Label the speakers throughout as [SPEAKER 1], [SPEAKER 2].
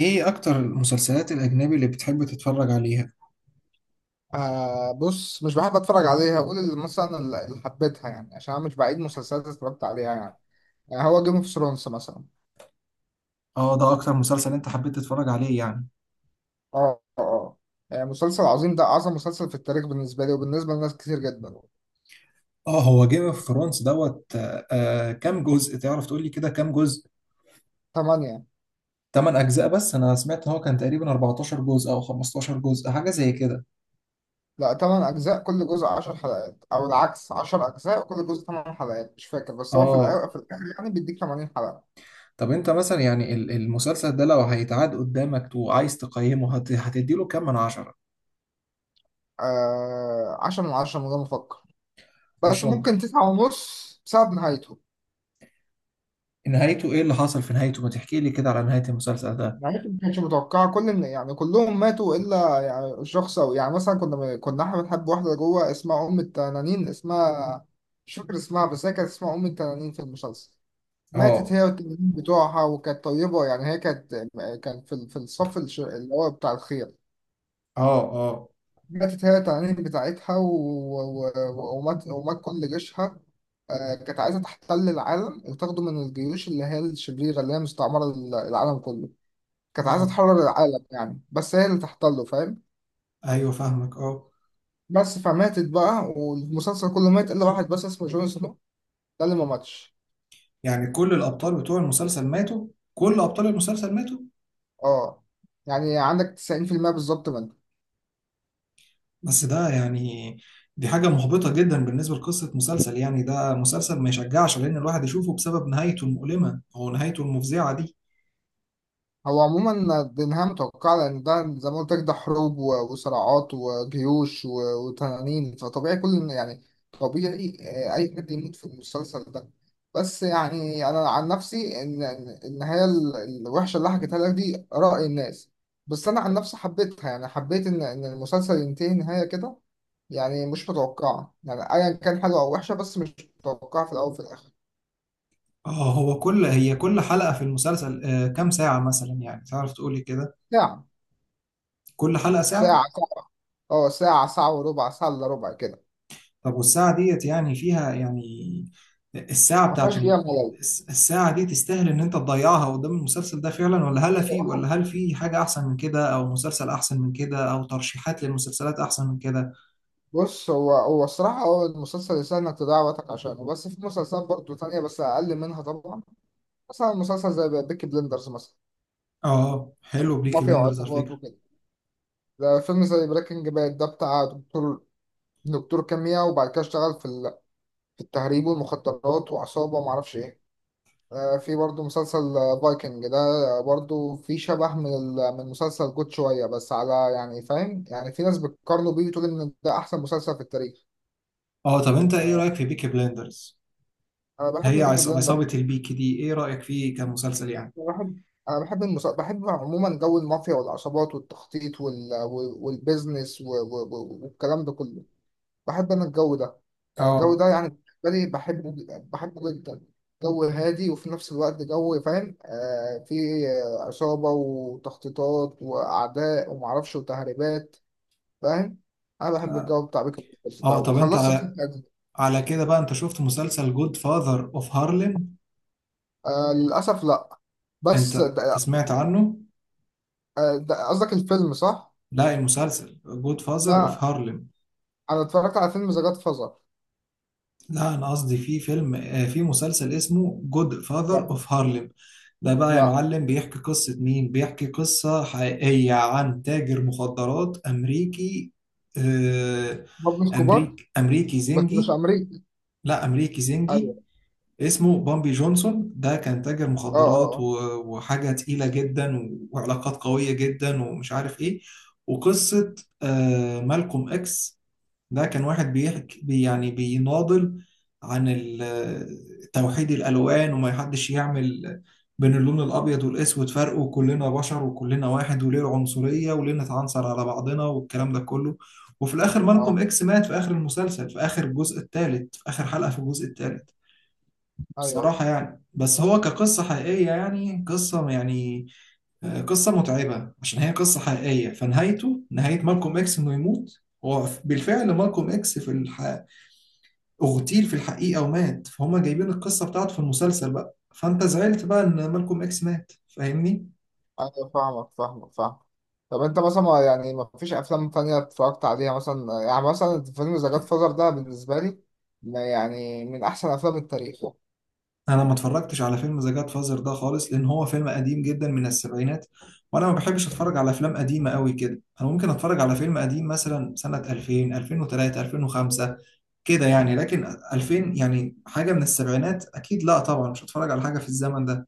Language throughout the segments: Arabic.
[SPEAKER 1] ايه اكتر المسلسلات الاجنبي اللي بتحب تتفرج عليها؟
[SPEAKER 2] بص، مش بحب اتفرج عليها، اقول اللي مثلا اللي حبيتها، يعني عشان انا مش بعيد مسلسلات اتفرجت عليها يعني. هو جيم اوف ثرونز مثلا.
[SPEAKER 1] اه، ده اكتر مسلسل انت حبيت تتفرج عليه يعني؟
[SPEAKER 2] اه، اه، آه. يعني مسلسل عظيم، ده اعظم مسلسل في التاريخ بالنسبه لي وبالنسبه لناس كتير جدا.
[SPEAKER 1] اه، هو جيم اوف ثرونز دوت كام جزء؟ تعرف تقول لي كده، كام جزء؟
[SPEAKER 2] ثمانية.
[SPEAKER 1] 8 اجزاء، بس انا سمعت ان هو كان تقريبا 14 جزء او 15 جزء، حاجه زي كده.
[SPEAKER 2] لا، ثمان اجزاء، كل جزء 10 حلقات، او العكس 10 اجزاء كل جزء 8 حلقات، مش فاكر، بس هو في
[SPEAKER 1] اه،
[SPEAKER 2] الاول في الاخر يعني بيديك 80 حلقه.
[SPEAKER 1] طب انت مثلا يعني المسلسل ده لو هيتعاد قدامك وعايز تقيمه هتديله كام من عشرة؟
[SPEAKER 2] آه، 10 من 10 من غير ما افكر. بس
[SPEAKER 1] عشرة.
[SPEAKER 2] ممكن 9 ونص بسبب نهايته.
[SPEAKER 1] نهايته ايه اللي حصل في نهايته؟ ما تحكي لي كده على نهاية المسلسل ده.
[SPEAKER 2] نهايته ما كانتش متوقعة، يعني كلهم ماتوا إلا يعني شخص، أو يعني مثلا كنا إحنا بنحب واحدة جوه اسمها أم التنانين، اسمها مش فاكر اسمها، بس هي كانت اسمها أم التنانين في المسلسل. ماتت
[SPEAKER 1] اه،
[SPEAKER 2] هي والتنانين بتوعها، وكانت طيبة، يعني هي كانت، كانت في الصف اللي هو بتاع الخير.
[SPEAKER 1] اه، اه،
[SPEAKER 2] ماتت هي والتنانين بتاعتها ومات كل جيشها. كانت عايزة تحتل العالم وتاخده من الجيوش اللي هي الشريرة، اللي هي مستعمرة العالم كله. كانت عايزة
[SPEAKER 1] اه،
[SPEAKER 2] تحرر العالم يعني، بس هي اللي تحتله، فاهم.
[SPEAKER 1] ايوه، فاهمك، اه.
[SPEAKER 2] بس فماتت بقى، والمسلسل كله مات إلا واحد بس اسمه جون سنو، ده اللي ما ماتش.
[SPEAKER 1] يعني كل الأبطال بتوع المسلسل ماتوا؟ كل أبطال المسلسل ماتوا؟
[SPEAKER 2] اه، يعني عندك 90%. بالظبط.
[SPEAKER 1] بس ده يعني، دي حاجة محبطة جدا بالنسبة لقصة مسلسل، يعني ده مسلسل ما يشجعش لأن الواحد يشوفه بسبب نهايته المؤلمة أو نهايته المفزعة دي.
[SPEAKER 2] هو عموما دينها متوقع، لأن ده زي ما قلت لك، ده حروب وصراعات وجيوش وتنانين، فطبيعي كل يعني، طبيعي، أي حد يموت في المسلسل ده. بس يعني أنا عن نفسي، النهاية الوحشة اللي حكيتها لك دي رأي الناس. بس أنا عن نفسي حبيتها، يعني حبيت إن المسلسل ينتهي نهاية كده، يعني مش متوقعة، يعني أيا كان حلوة أو وحشة، بس مش متوقعة في الأول وفي الآخر.
[SPEAKER 1] اه، هو كل هي كل حلقة في المسلسل آه كام ساعة مثلا؟ يعني تعرف تقولي كده.
[SPEAKER 2] ساعة.
[SPEAKER 1] كل حلقة
[SPEAKER 2] ساعة
[SPEAKER 1] ساعة؟
[SPEAKER 2] ساعة. أه، ساعة ساعة وربع، ساعة إلا ربع كده.
[SPEAKER 1] طب والساعة ديت يعني فيها يعني، الساعة
[SPEAKER 2] ما
[SPEAKER 1] بتاعت،
[SPEAKER 2] فيهاش دقيقة.
[SPEAKER 1] الساعة دي تستاهل إن أنت تضيعها قدام المسلسل ده فعلا؟ ولا هل في،
[SPEAKER 2] صراحة،
[SPEAKER 1] ولا هل في حاجة أحسن من كده، أو مسلسل أحسن من كده، أو ترشيحات للمسلسلات أحسن من كده؟
[SPEAKER 2] بص، هو الصراحة، هو المسلسل يسهل إنك تضيع وقتك عشانه، بس في مسلسلات برضه تانية، بس أقل منها طبعا. مثلا مسلسل زي بيكي بلندرز مثلا،
[SPEAKER 1] آه، حلو
[SPEAKER 2] ما
[SPEAKER 1] بيكي
[SPEAKER 2] فيه
[SPEAKER 1] بلندرز على
[SPEAKER 2] عصابات
[SPEAKER 1] فكرة.
[SPEAKER 2] وكده. ده فيلم زي بريكنج باد، ده بتاع دكتور، دكتور كيمياء، وبعد كده اشتغل في التهريب والمخدرات وعصابة ومعرفش إيه. في برضه مسلسل فايكنج ده، برضه في شبه من مسلسل جود شوية، بس على يعني، فاهم، يعني في ناس بتقارنه بيه وتقول إن ده أحسن مسلسل في التاريخ.
[SPEAKER 1] آه، طب أنت إيه رأيك في بيكي بلندرز؟
[SPEAKER 2] أنا بحب
[SPEAKER 1] هي
[SPEAKER 2] بيكي بلندرز.
[SPEAKER 1] عصابة البيكي دي إيه رأيك فيه كمسلسل يعني؟
[SPEAKER 2] أنا بحب، أنا بحب بحب عموما جو المافيا والعصابات والتخطيط والبيزنس والكلام ده كله. بحب أنا الجو ده، يعني الجو
[SPEAKER 1] آه.
[SPEAKER 2] ده يعني، بالنسبة لي بحبه بحبه جدا. جو هادي وفي نفس الوقت جو، فاهم، فيه عصابة وتخطيطات وأعداء ومعرفش وتهريبات، فاهم. أنا بحب الجو بتاع بيك بس ده،
[SPEAKER 1] طب أنت
[SPEAKER 2] وخلصت
[SPEAKER 1] على،
[SPEAKER 2] الفيلم.
[SPEAKER 1] على كده بقى أنت شفت مسلسل جود فاذر أوف هارلم؟
[SPEAKER 2] آه، للأسف لأ.
[SPEAKER 1] أنت
[SPEAKER 2] بس
[SPEAKER 1] أنت
[SPEAKER 2] ده-
[SPEAKER 1] سمعت عنه؟
[SPEAKER 2] قصدك الفيلم صح؟
[SPEAKER 1] لا، المسلسل جود فاذر اوف
[SPEAKER 2] لا،
[SPEAKER 1] هارلم.
[SPEAKER 2] انا اتفرجت على فيلم ذا جاد فازر.
[SPEAKER 1] لا، انا قصدي في فيلم آه، في مسلسل اسمه جود فاذر
[SPEAKER 2] لا.
[SPEAKER 1] اوف هارلم. ده بقى يا
[SPEAKER 2] لا،
[SPEAKER 1] معلم بيحكي قصة مين؟ بيحكي قصة حقيقية عن تاجر مخدرات امريكي. آه،
[SPEAKER 2] برضه الكبار،
[SPEAKER 1] امريكي
[SPEAKER 2] بس مش
[SPEAKER 1] زنجي.
[SPEAKER 2] امريكي.
[SPEAKER 1] لا، امريكي زنجي.
[SPEAKER 2] ايوه.
[SPEAKER 1] اسمه بامبي جونسون، ده كان تاجر
[SPEAKER 2] اه،
[SPEAKER 1] مخدرات
[SPEAKER 2] اه،
[SPEAKER 1] وحاجة تقيلة جدا وعلاقات قوية جدا، ومش عارف ايه، وقصة آه، مالكوم اكس. ده كان واحد بيحكي يعني بيناضل عن توحيد الألوان، وما يحدش يعمل بين اللون الأبيض والأسود فرق، وكلنا بشر، وكلنا واحد، وليه العنصرية، وليه نتعنصر على بعضنا، والكلام ده كله. وفي الآخر مالكوم
[SPEAKER 2] اه،
[SPEAKER 1] إكس مات في آخر المسلسل، في آخر الجزء الثالث، في آخر حلقة في الجزء الثالث.
[SPEAKER 2] اه، ايوه،
[SPEAKER 1] بصراحة يعني، بس هو كقصة حقيقية، يعني قصة يعني آه، قصة متعبة عشان هي قصة حقيقية، فنهايته نهاية مالكوم إكس إنه يموت. هو بالفعل مالكوم اكس اغتيل في الحقيقة ومات، فهم جايبين القصة بتاعته في المسلسل بقى، فانت زعلت بقى ان مالكوم اكس مات، فاهمني.
[SPEAKER 2] ايوه، فاهمك، فاهمك، فاهمك. طب انت مثلا، يعني ما فيش افلام تانية اتفرجت عليها، مثلا، يعني مثلا فيلم ذا جاد فازر ده، بالنسبه لي ما يعني من احسن افلام التاريخ.
[SPEAKER 1] انا ما اتفرجتش على فيلم ذا جاد فازر ده خالص لان هو فيلم قديم جدا من السبعينات، وانا ما بحبش اتفرج على افلام قديمة قوي كده. انا ممكن اتفرج على فيلم قديم مثلا سنة 2000، 2003، 2005، كده يعني، لكن 2000 يعني حاجة من السبعينات اكيد لا طبعا، مش هتفرج على حاجة في الزمن ده.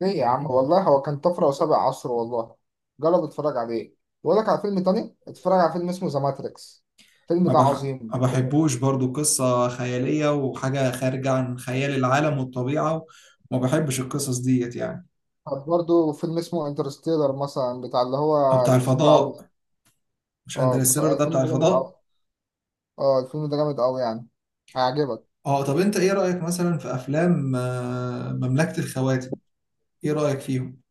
[SPEAKER 2] ليه يا عم؟ والله هو كان طفره وسابق عصره، والله جرب اتفرج عليه. بقول لك على فيلم تاني، اتفرج على فيلم اسمه ذا ماتريكس، الفيلم
[SPEAKER 1] ما
[SPEAKER 2] ده
[SPEAKER 1] بح... ما
[SPEAKER 2] عظيم.
[SPEAKER 1] بحبوش برضو قصة خيالية وحاجة خارجة عن خيال العالم والطبيعة، وما بحبش القصص ديت يعني.
[SPEAKER 2] طب برضه فيلم اسمه انترستيلر مثلا، بتاع اللي
[SPEAKER 1] أو
[SPEAKER 2] هو
[SPEAKER 1] بتاع
[SPEAKER 2] اللي بيسافر عبر.
[SPEAKER 1] الفضاء، مش انترستيلر ده
[SPEAKER 2] الفيلم
[SPEAKER 1] بتاع
[SPEAKER 2] ده جامد قوي،
[SPEAKER 1] الفضاء؟
[SPEAKER 2] اه الفيلم ده جامد قوي يعني، هيعجبك.
[SPEAKER 1] اه، طب انت ايه رأيك مثلا في افلام مملكة الخواتم؟ ايه رأيك فيهم؟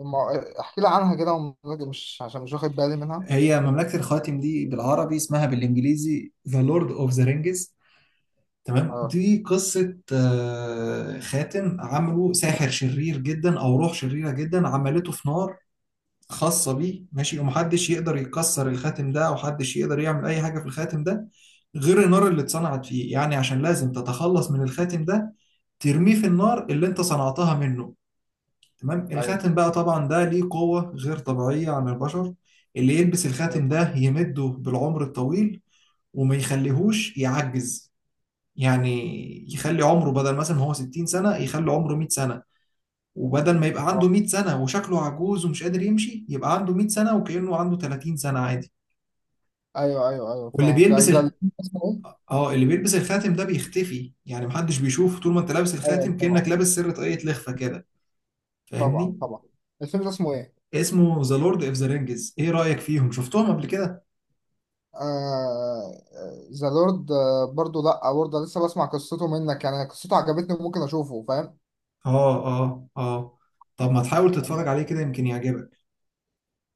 [SPEAKER 2] احكي لي عنها كده مش عشان مش واخد بالي منها.
[SPEAKER 1] هي مملكة الخواتم دي بالعربي، اسمها بالانجليزي The Lord of the Rings، تمام؟
[SPEAKER 2] اه،
[SPEAKER 1] دي قصة خاتم عمله ساحر شرير جدا او روح شريرة جدا، عملته في نار خاصة بيه، ماشي. ومحدش يقدر يكسر الخاتم ده، أو حدش يقدر يعمل أي حاجة في الخاتم ده غير النار اللي اتصنعت فيه، يعني عشان لازم تتخلص من الخاتم ده ترميه في النار اللي انت صنعتها منه، تمام؟
[SPEAKER 2] ايوه،
[SPEAKER 1] الخاتم بقى طبعا ده ليه قوة غير طبيعية عن البشر. اللي يلبس الخاتم
[SPEAKER 2] ايوه.
[SPEAKER 1] ده يمده بالعمر الطويل وما يخليهوش يعجز، يعني يخلي عمره بدل مثلا هو 60 سنة يخلي عمره 100 سنة. وبدل ما يبقى عنده
[SPEAKER 2] اه،
[SPEAKER 1] 100 سنة وشكله عجوز ومش قادر يمشي، يبقى عنده 100 سنة وكأنه عنده 30 سنة عادي.
[SPEAKER 2] ايوه، ايوه، ايوه،
[SPEAKER 1] واللي
[SPEAKER 2] فاهم،
[SPEAKER 1] بيلبس
[SPEAKER 2] ده
[SPEAKER 1] ال...
[SPEAKER 2] الفيلم اسمه ايه؟
[SPEAKER 1] اه، اللي بيلبس الخاتم ده بيختفي، يعني محدش بيشوفه طول ما انت لابس
[SPEAKER 2] ايوه،
[SPEAKER 1] الخاتم،
[SPEAKER 2] طبعا.
[SPEAKER 1] كأنك لابس سر طاقية لخفة كده،
[SPEAKER 2] طبعا،
[SPEAKER 1] فاهمني؟
[SPEAKER 2] طبعا. الفيلم ده اسمه ايه؟
[SPEAKER 1] اسمه ذا لورد اوف ذا رينجز. ايه رأيك فيهم؟ شفتهم قبل كده؟
[SPEAKER 2] آه، ذا لورد، آه، برضه لا، برضه لسه بسمع قصته منك يعني، قصته عجبتني، ممكن اشوفه، فاهم.
[SPEAKER 1] اه، اه، اه. طب ما تحاول تتفرج عليه كده، يمكن يعجبك.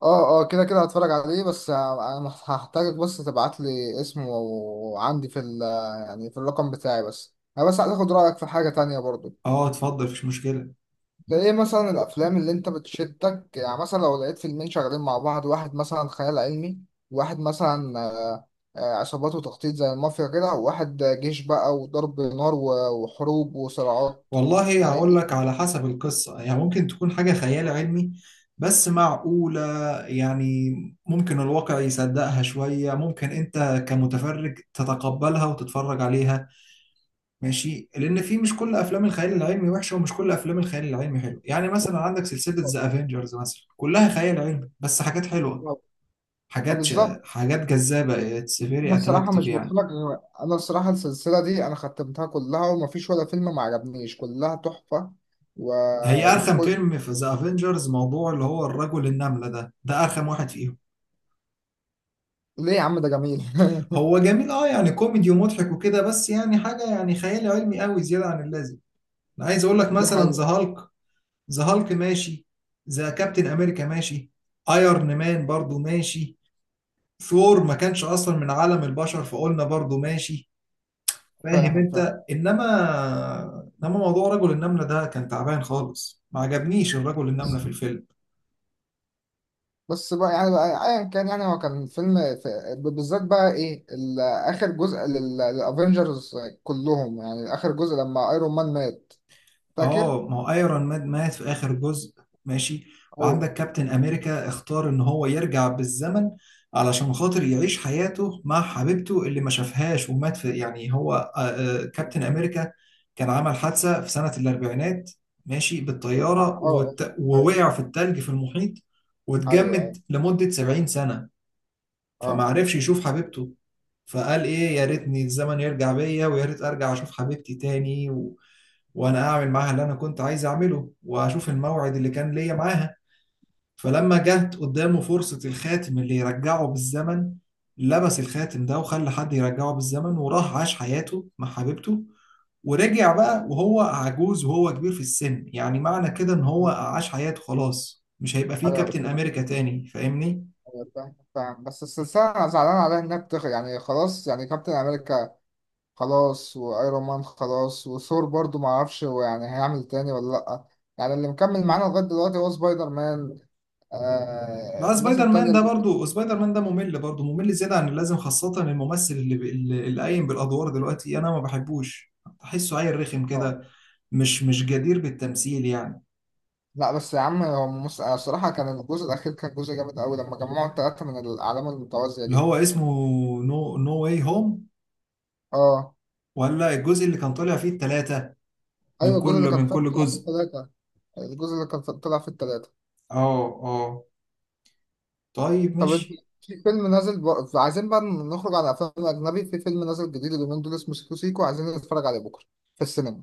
[SPEAKER 2] اه، اه، كده كده هتفرج عليه، بس انا هحتاجك بس تبعت لي اسمه، وعندي في ال، يعني في الرقم بتاعي، بس انا بس عايز اخد رايك في حاجه تانية برضو.
[SPEAKER 1] اه، اتفضل، مفيش مشكلة.
[SPEAKER 2] ده ايه مثلا الافلام اللي انت بتشدك؟ يعني مثلا لو لقيت فيلمين شغالين مع بعض، واحد مثلا خيال علمي، وواحد مثلا عصابات وتخطيط زي المافيا كده، وواحد جيش بقى وضرب نار وحروب وصراعات.
[SPEAKER 1] والله
[SPEAKER 2] يعني ايه
[SPEAKER 1] هقول لك
[SPEAKER 2] اللي-
[SPEAKER 1] على حسب القصة، يعني ممكن تكون حاجة خيال علمي بس معقولة، يعني ممكن الواقع يصدقها شوية، ممكن انت كمتفرج تتقبلها وتتفرج عليها، ماشي. لان في، مش كل افلام الخيال العلمي وحشة، ومش كل افلام الخيال العلمي حلو، يعني مثلا عندك سلسلة ذا افنجرز مثلا كلها خيال علمي بس حاجات حلوة،
[SPEAKER 2] آه،
[SPEAKER 1] حاجات ش...
[SPEAKER 2] بالظبط.
[SPEAKER 1] حاجات جذابة، اتس
[SPEAKER 2] انا
[SPEAKER 1] فيري
[SPEAKER 2] الصراحه
[SPEAKER 1] اتراكتيف
[SPEAKER 2] مش
[SPEAKER 1] يعني.
[SPEAKER 2] بتفرج انا الصراحه السلسله دي انا ختمتها كلها، ومفيش ولا فيلم ما عجبنيش، كلها تحفه. و...
[SPEAKER 1] هي ارخم
[SPEAKER 2] وكل.
[SPEAKER 1] فيلم في ذا افنجرز موضوع اللي هو الرجل النملة ده ارخم واحد فيهم.
[SPEAKER 2] ليه يا عم؟ ده جميل.
[SPEAKER 1] هو جميل اه، يعني كوميدي ومضحك وكده، بس يعني حاجه يعني خيال علمي قوي زياده عن اللازم. انا عايز اقول لك
[SPEAKER 2] دي
[SPEAKER 1] مثلا ذا
[SPEAKER 2] حقيقه.
[SPEAKER 1] هالك، ذا هالك ماشي، ذا كابتن امريكا ماشي، ايرون مان برضو ماشي، ثور ما كانش اصلا من عالم البشر فقلنا برضو ماشي، فاهم
[SPEAKER 2] فاهم، فاهم.
[SPEAKER 1] انت؟ انما، انما موضوع رجل النمله ده كان تعبان خالص، ما عجبنيش الرجل النمله في الفيلم.
[SPEAKER 2] بس بقى، يعني بقى ايا كان، يعني هو كان فيلم، ف... بالذات بقى ايه اخر جزء للافينجرز، كلهم، يعني اخر جزء لما ايرون مان مات، فاكر؟
[SPEAKER 1] اه، ما هو ايرون مان مات في اخر جزء، ماشي.
[SPEAKER 2] ايوه.
[SPEAKER 1] وعندك كابتن امريكا اختار ان هو يرجع بالزمن علشان خاطر يعيش حياته مع حبيبته اللي ما شافهاش، ومات في، يعني هو كابتن امريكا كان عمل حادثة في سنة الاربعينات، ماشي، بالطيارة
[SPEAKER 2] اه، آه. ايوه،
[SPEAKER 1] ووقع في التلج في المحيط واتجمد
[SPEAKER 2] ايوه،
[SPEAKER 1] لمدة 70 سنة، فما
[SPEAKER 2] اه،
[SPEAKER 1] عرفش يشوف حبيبته. فقال ايه، يا ريتني الزمن يرجع بيا، ويا ريت ارجع اشوف حبيبتي تاني، وانا اعمل معاها اللي انا كنت عايز اعمله، واشوف الموعد اللي كان ليا معاها. فلما جت قدامه فرصة الخاتم اللي يرجعه بالزمن، لبس الخاتم ده وخلى حد يرجعه بالزمن، وراح عاش حياته مع حبيبته، ورجع بقى وهو عجوز وهو كبير في السن. يعني معنى كده ان هو عاش حياته خلاص، مش هيبقى فيه
[SPEAKER 2] ايوه،
[SPEAKER 1] كابتن امريكا تاني، فاهمني؟
[SPEAKER 2] فاهم، فاهم. بس السلسلة أنا زعلان عليها، إنها بتخ يعني خلاص، يعني كابتن أمريكا خلاص، وأيرون مان خلاص، وثور برضو معرفش هو يعني هيعمل تاني ولا لأ. يعني اللي مكمل معانا لغاية دلوقتي هو سبايدر مان، آه،
[SPEAKER 1] ما
[SPEAKER 2] الناس
[SPEAKER 1] سبايدر
[SPEAKER 2] التانية
[SPEAKER 1] مان ده
[SPEAKER 2] اللي.
[SPEAKER 1] برضو، سبايدر مان ده ممل برضو، ممل زيادة عن اللازم، خاصة الممثل اللي قايم بالأدوار دلوقتي، أنا ما بحبوش، أحسه عيل رخم
[SPEAKER 2] آه،
[SPEAKER 1] كده، مش جدير بالتمثيل يعني.
[SPEAKER 2] لا، بس يا عم، الصراحة كان الجزء الأخير كان جزء جامد أوي، لما جمعوا التلاتة من الأعلام المتوازية
[SPEAKER 1] اللي
[SPEAKER 2] دي.
[SPEAKER 1] هو اسمه نو واي هوم،
[SPEAKER 2] آه.
[SPEAKER 1] ولا الجزء اللي كان طالع فيه التلاتة من
[SPEAKER 2] أيوة،
[SPEAKER 1] كل
[SPEAKER 2] الجزء اللي كان
[SPEAKER 1] من كل
[SPEAKER 2] طلع في
[SPEAKER 1] جزء؟
[SPEAKER 2] التلاتة. الجزء اللي كان طلع في التلاتة.
[SPEAKER 1] اه، اه، طيب
[SPEAKER 2] طب انت،
[SPEAKER 1] ماشي.
[SPEAKER 2] في فيلم نازل عايزين بقى نخرج على افلام اجنبي، في فيلم نازل جديد اليومين دول اسمه سيكو سيكو، عايزين نتفرج عليه بكره في السينما.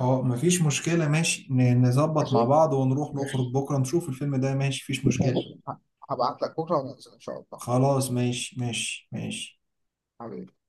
[SPEAKER 1] اه، مفيش مشكلة، ماشي، نظبط
[SPEAKER 2] ماشي،
[SPEAKER 1] مع بعض ونروح نخرج
[SPEAKER 2] ماشي،
[SPEAKER 1] بكرة نشوف الفيلم ده، ماشي، مفيش مشكلة.
[SPEAKER 2] ماشي، هبعت لك بكره وننزل ان شاء الله.
[SPEAKER 1] خلاص، ماشي، ماشي، ماشي.
[SPEAKER 2] حبيبي.